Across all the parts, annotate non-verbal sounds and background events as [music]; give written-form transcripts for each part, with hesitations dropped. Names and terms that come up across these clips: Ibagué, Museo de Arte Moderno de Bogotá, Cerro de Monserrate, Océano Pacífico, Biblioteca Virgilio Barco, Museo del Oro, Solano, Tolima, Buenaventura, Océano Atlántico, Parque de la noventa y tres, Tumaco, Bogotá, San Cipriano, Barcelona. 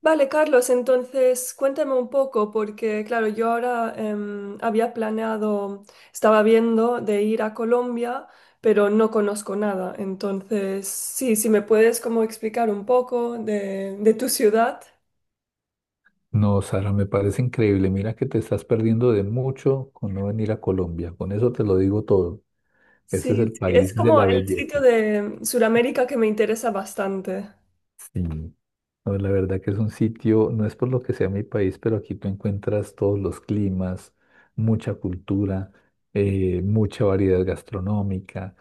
Vale, Carlos, entonces cuéntame un poco, porque claro, yo ahora había planeado, estaba viendo de ir a Colombia, pero no conozco nada. Entonces, sí, si me puedes como explicar un poco de tu ciudad. No, Sara, me parece increíble. Mira que te estás perdiendo de mucho con no venir a Colombia. Con eso te lo digo todo. Ese es Sí, el sí, es país de como la el sitio belleza. de Sudamérica que me interesa bastante. Sí. No, la verdad que es un sitio, no es por lo que sea mi país, pero aquí tú encuentras todos los climas, mucha cultura, mucha variedad gastronómica.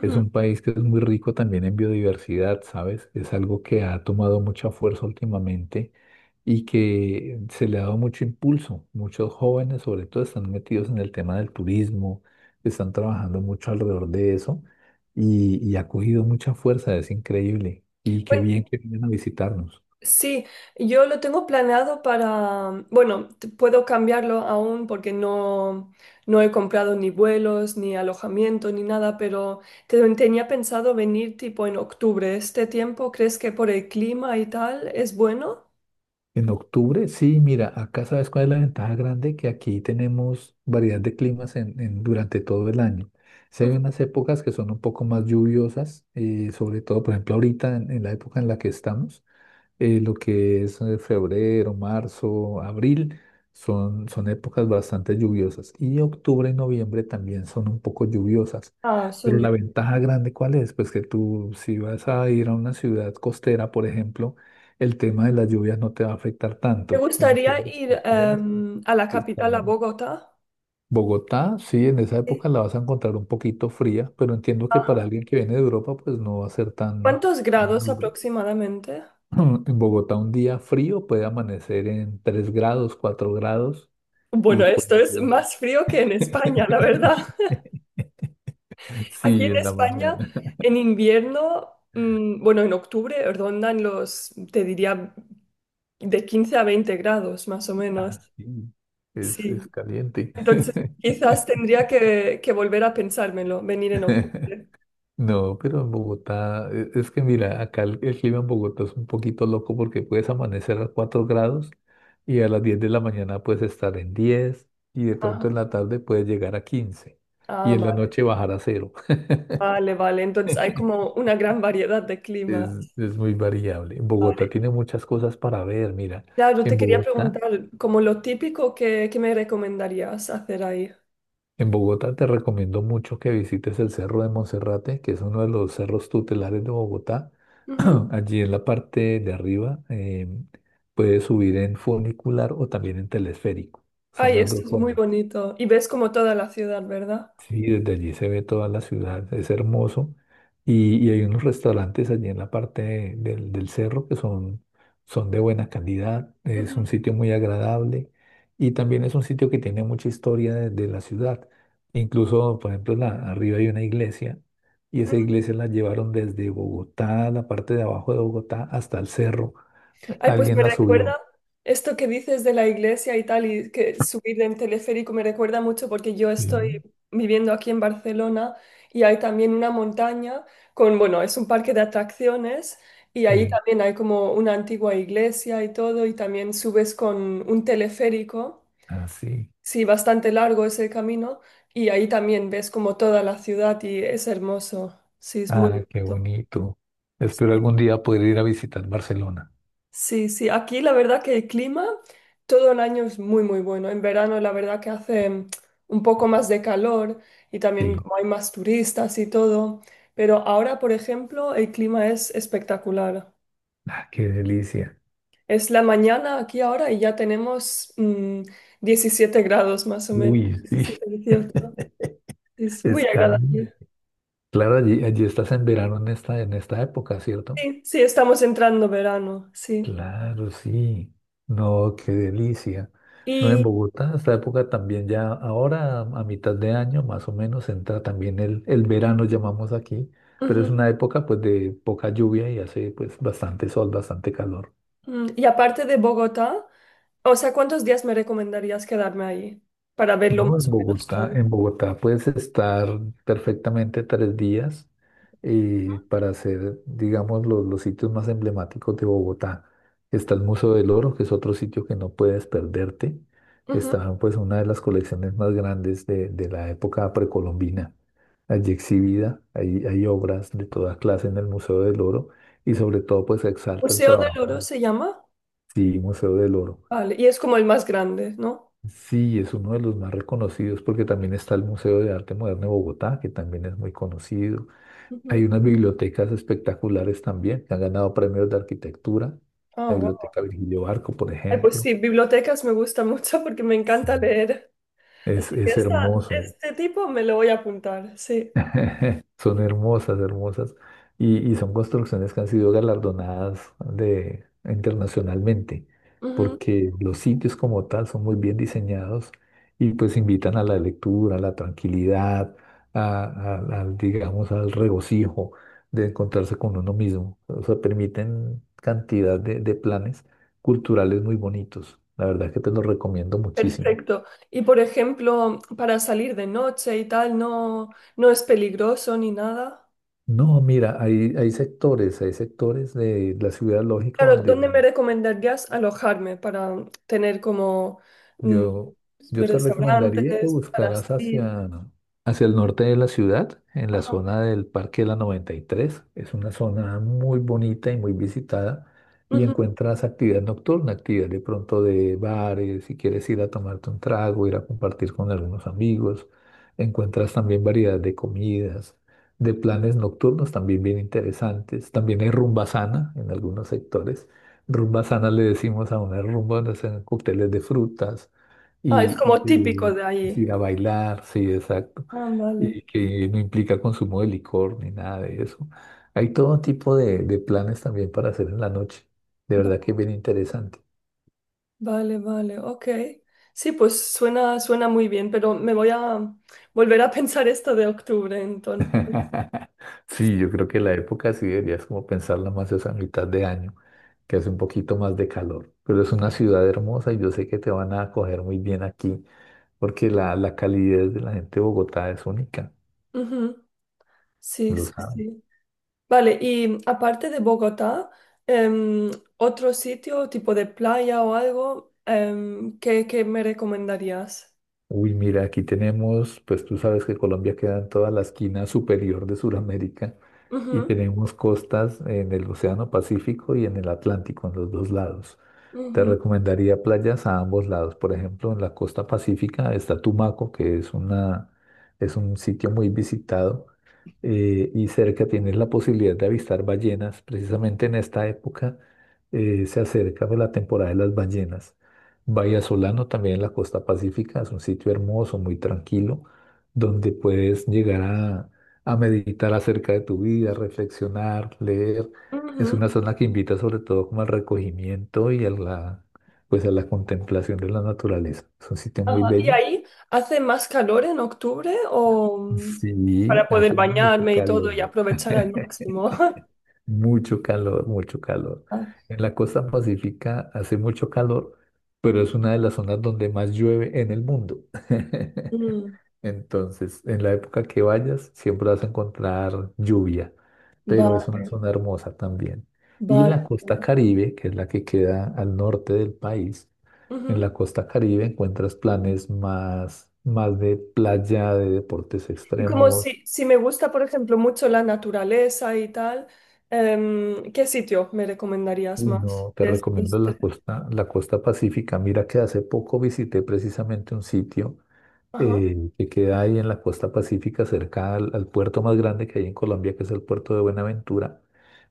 Es un país que es muy rico también en biodiversidad, ¿sabes? Es algo que ha tomado mucha fuerza últimamente y que se le ha dado mucho impulso. Muchos jóvenes, sobre todo, están metidos en el tema del turismo, están trabajando mucho alrededor de eso y ha cogido mucha fuerza, es increíble. Y qué bien que vienen a visitarnos. Sí, yo lo tengo planeado para, bueno, puedo cambiarlo aún porque no, no he comprado ni vuelos, ni alojamiento, ni nada, pero tenía pensado venir tipo en octubre. ¿Este tiempo crees que por el clima y tal es bueno? En octubre, sí, mira, acá sabes cuál es la ventaja grande, que aquí tenemos variedad de climas durante todo el año. Sí hay Ujú. unas épocas que son un poco más lluviosas, sobre todo, por ejemplo, ahorita en la época en la que estamos lo que es febrero, marzo, abril, son épocas bastante lluviosas. Y octubre y noviembre también son un poco lluviosas. Ah, son Pero la llu- ventaja grande, ¿cuál es? Pues que tú, si vas a ir a una ciudad costera, por ejemplo, el tema de las lluvias no te va a afectar ¿Te tanto en las gustaría ciudades ir costeras. A la Está capital, a Bogotá? Bogotá, sí, en esa Sí. época la vas a encontrar un poquito fría, pero entiendo que para Ajá. alguien que viene de Europa, pues no va a ser tan, ¿Cuántos tan grados duro. aproximadamente? [clears throat] En Bogotá un día frío puede amanecer en 3 grados, 4 grados y Bueno, pues esto es más frío que en España, la verdad. [laughs] Aquí en sí, en la España, mañana. [laughs] en invierno, bueno, en octubre rondan los, te diría, de 15 a 20 grados, más o menos. Ah, sí, es Sí. caliente. Entonces, quizás tendría que volver a pensármelo, venir en [laughs] octubre. No, pero en Bogotá, es que mira, acá el clima en Bogotá es un poquito loco porque puedes amanecer a 4 grados y a las 10 de la mañana puedes estar en 10 y de Ajá. pronto en la tarde puedes llegar a 15 y Ah, en la noche bajar a cero. vale, vale. Entonces, hay [laughs] como una gran variedad de Es, climas. es muy variable. Vale. Bogotá tiene muchas cosas para ver. Mira, Claro, te en quería Bogotá, preguntar, como lo típico, ¿qué me recomendarías hacer ahí? en Bogotá te recomiendo mucho que visites el Cerro de Monserrate, que es uno de los cerros tutelares de Bogotá. Ujú. [clears throat] Allí en la parte de arriba puedes subir en funicular o también en telesférico. Son Ay, las dos esto es muy formas. bonito. Y ves como toda la ciudad, ¿verdad? Sí, desde allí se ve toda la ciudad, es hermoso. Y hay unos restaurantes allí en la parte del cerro que son de buena calidad, es Ujú. un sitio muy agradable y también es un sitio que tiene mucha historia de la ciudad. Incluso, por ejemplo, arriba hay una iglesia y esa iglesia la llevaron desde Bogotá, la parte de abajo de Bogotá, hasta el cerro. Ay, pues Alguien me la recuerda subió. esto que dices de la iglesia y tal, y que subir en teleférico me recuerda mucho porque yo Sí, estoy viviendo aquí en Barcelona y hay también una montaña con, bueno, es un parque de atracciones y ahí sí, también hay como una antigua iglesia y todo, y también subes con un teleférico, así. sí, bastante largo es el camino, y ahí también ves como toda la ciudad y es hermoso, sí, es muy Ah, qué bonito. bonito. Espero Sí. algún día poder ir a visitar Barcelona. Sí, sí, aquí la verdad que el clima todo el año es muy, muy bueno. En verano la verdad que hace un poco más de calor y también Sí, como hay más turistas y todo. Pero ahora, por ejemplo, el clima es espectacular. ah, qué delicia. Es la mañana aquí ahora y ya tenemos 17 grados más o menos, Uy, sí, 17, 18. [laughs] Es es muy caro. agradable. Claro, allí estás en verano en esta época, ¿cierto? Sí, sí, estamos entrando verano, sí. Claro, sí. No, qué delicia. No, en Y, Bogotá, esta época también ya, ahora a mitad de año más o menos entra también el verano, llamamos aquí, pero Ujú. es una época pues de poca lluvia y hace pues bastante sol, bastante calor. Y aparte de Bogotá. O sea, ¿cuántos días me recomendarías quedarme ahí para verlo No, en más o menos Bogotá, todo? en Bogotá puedes estar perfectamente 3 días para hacer, digamos, los sitios más emblemáticos de Bogotá. Está el Museo del Oro, que es otro sitio que no puedes perderte. Ujú. Está, pues, una de las colecciones más grandes de la época precolombina. Allí exhibida, hay obras de toda clase en el Museo del Oro y sobre todo, pues, se exalta el Museo del Oro trabajo, se llama. sí, Museo del Oro. Vale, y es como el más grande, ¿no? Sí, es uno de los más reconocidos porque también está el Museo de Arte Moderno de Bogotá, que también es muy conocido. Hay Ujú. unas bibliotecas espectaculares también que han ganado premios de arquitectura. Ah, La wow. Biblioteca Virgilio Barco, por Ay, pues ejemplo. sí, bibliotecas me gusta [laughs] mucho porque me encanta leer. Así Es, que es hermoso. este tipo me lo voy a apuntar, sí. [laughs] Son hermosas, hermosas. Y son construcciones que han sido galardonadas de, internacionalmente, Ujú. porque los sitios como tal son muy bien diseñados y pues invitan a la lectura, a la tranquilidad, a- al, digamos, al regocijo de encontrarse con uno mismo. O sea, permiten cantidad de planes culturales muy bonitos. La verdad que te los recomiendo muchísimo. Perfecto. Y por ejemplo, para salir de noche y tal, no, no es peligroso ni nada. No, mira, hay sectores de la ciudad, lógico, Claro, ¿dónde me recomendarías alojarme para tener como mm, Yo, yo te recomendaría que restaurantes para buscaras salir? Hacia el norte de la ciudad, en la Ajá, zona del Parque de la 93. Es una zona muy bonita y muy visitada y ujú. encuentras actividad nocturna, actividad de pronto de bares, si quieres ir a tomarte un trago, ir a compartir con algunos amigos. Encuentras también variedad de comidas, de planes nocturnos también bien interesantes. También hay rumba sana en algunos sectores. Rumba sana le decimos a una rumba donde hacen cócteles de frutas Ah, es y, como típico y, de es allí. ir a bailar, sí, exacto, Ah, vale. y que no implica consumo de licor ni nada de eso. Hay todo tipo de planes también para hacer en la noche. De verdad Va- que es bien interesante. Vale, vale, ok. Sí, pues suena, suena muy bien, pero me voy a volver a [laughs] pensar esto de octubre, entonces. [laughs] Sí, yo creo que la época sí deberías como pensarla más esa mitad de año, que hace un poquito más de calor. Pero es una ciudad hermosa y yo sé que te van a acoger muy bien aquí, porque la calidez de la gente de Bogotá es única, Ujú. Sí, lo sí, saben. sí. Vale, y aparte de Bogotá, em, otro sitio tipo de playa o algo que me recomendarías. Uy, mira, aquí tenemos, pues tú sabes que Colombia queda en toda la esquina superior de Sudamérica y Ujú, tenemos costas en el Océano Pacífico y en el Atlántico, en los dos lados. Te ujú, recomendaría playas a ambos lados. Por ejemplo, en la costa pacífica está Tumaco, que es una, es un sitio muy visitado y cerca tienes la posibilidad de avistar ballenas. Precisamente en esta época se acerca pues, la temporada de las ballenas. Solano también en la costa pacífica, es un sitio hermoso, muy tranquilo, donde puedes llegar a meditar acerca de tu vida, reflexionar, leer. Es ujú. una zona que invita sobre todo como al recogimiento y pues a la contemplación de la naturaleza. Es un sitio muy Ajá. ¿Y bello. ahí hace más calor en octubre o Sí, para poder hace mucho bañarme y todo calor, y ¿no? aprovechar al [laughs] máximo? [laughs] Mucho calor, mucho calor. Ah, En la costa pacífica hace mucho calor, pero es una de las zonas donde más llueve en el mundo. [laughs] mm, Entonces, en la época que vayas, siempre vas a encontrar lluvia, pero va- es una zona hermosa también. Y vale. la costa Caribe, que es la que queda al norte del país, en Ujú. la costa Caribe encuentras planes más de playa, de deportes Y como extremos. si me gusta, por ejemplo, mucho la naturaleza y tal, ¿qué sitio me recomendarías Uy, más no, te de recomiendo estos tres? La costa pacífica. Mira que hace poco visité precisamente un sitio que queda ahí en la costa pacífica, cerca al puerto más grande que hay en Colombia, que es el puerto de Buenaventura.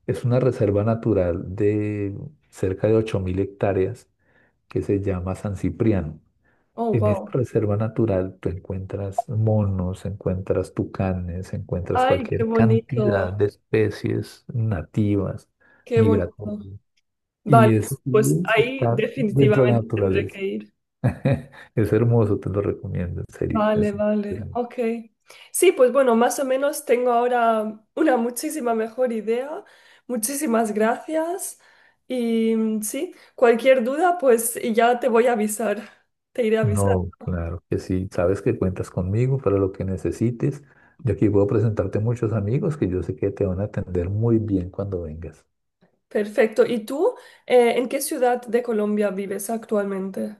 Es una reserva natural de cerca de 8.000 hectáreas que se llama San Cipriano. Oh, En esta wow. reserva natural tú encuentras monos, encuentras tucanes, encuentras Ay, qué cualquier cantidad bonito, de especies nativas, qué bonito. migratorias. Vale, Y eso sí pues es ahí estar dentro de la definitivamente tendré naturaleza. que ir. [laughs] Es hermoso, te lo recomiendo, en serio. Vale, Es vale, hermoso. ok. Sí, pues bueno, más o menos tengo ahora una muchísima mejor idea. Muchísimas gracias. Y sí, cualquier duda, pues y ya te voy a avisar. Te iré a avisar. No, claro que sí. Sabes que cuentas conmigo para lo que necesites. Yo aquí puedo presentarte muchos amigos que yo sé que te van a atender muy bien cuando vengas. Perfecto. ¿Y tú, en qué ciudad de Colombia vives actualmente?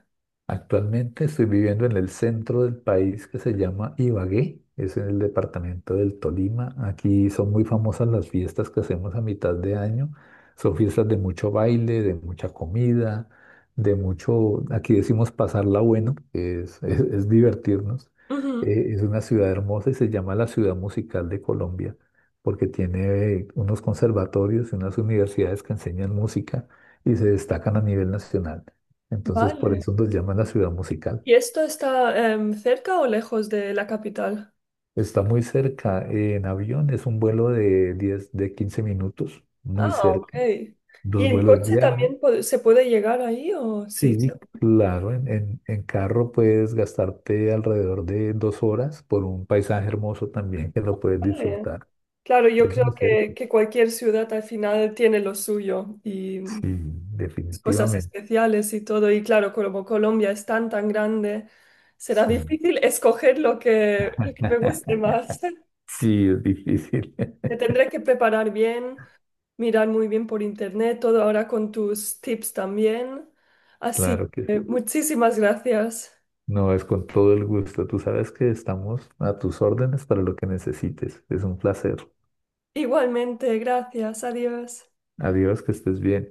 Actualmente estoy viviendo en el centro del país que se llama Ibagué, es en el departamento del Tolima. Aquí son muy famosas las fiestas que hacemos a mitad de año. Son fiestas de mucho baile, de mucha comida, de mucho, aquí decimos pasarla bueno, que es, [laughs] es divertirnos. Ujú. Es una ciudad hermosa y se llama la Ciudad Musical de Colombia porque tiene unos conservatorios y unas universidades que enseñan música y se destacan a nivel nacional. Entonces, por Vale. eso nos llaman la ciudad musical. ¿Y esto está cerca o lejos de la capital? Está muy cerca, en avión es un vuelo de 10, de 15 minutos, muy Ah, ok. cerca. ¿Y Dos en vuelos coche diarios. también se puede llegar ahí o sí, Sí, se claro, en carro puedes gastarte alrededor de 2 horas por un paisaje hermoso también que lo puedes puede? disfrutar. Claro, yo Es creo muy cerca. que cualquier ciudad al final tiene lo suyo y Sí, cosas definitivamente. especiales y todo. Y claro, como Colombia es tan, tan grande, será Sí. difícil escoger lo que me guste [laughs] más. [laughs] Sí, es difícil. Me [laughs] tendré que preparar bien mirar muy bien por internet, todo ahora con tus tips también. Así Claro que sí. que muchísimas gracias. No, es con todo el gusto. Tú sabes que estamos a tus órdenes para lo que necesites. Es un placer. Igualmente, gracias, adiós. Adiós, que estés bien.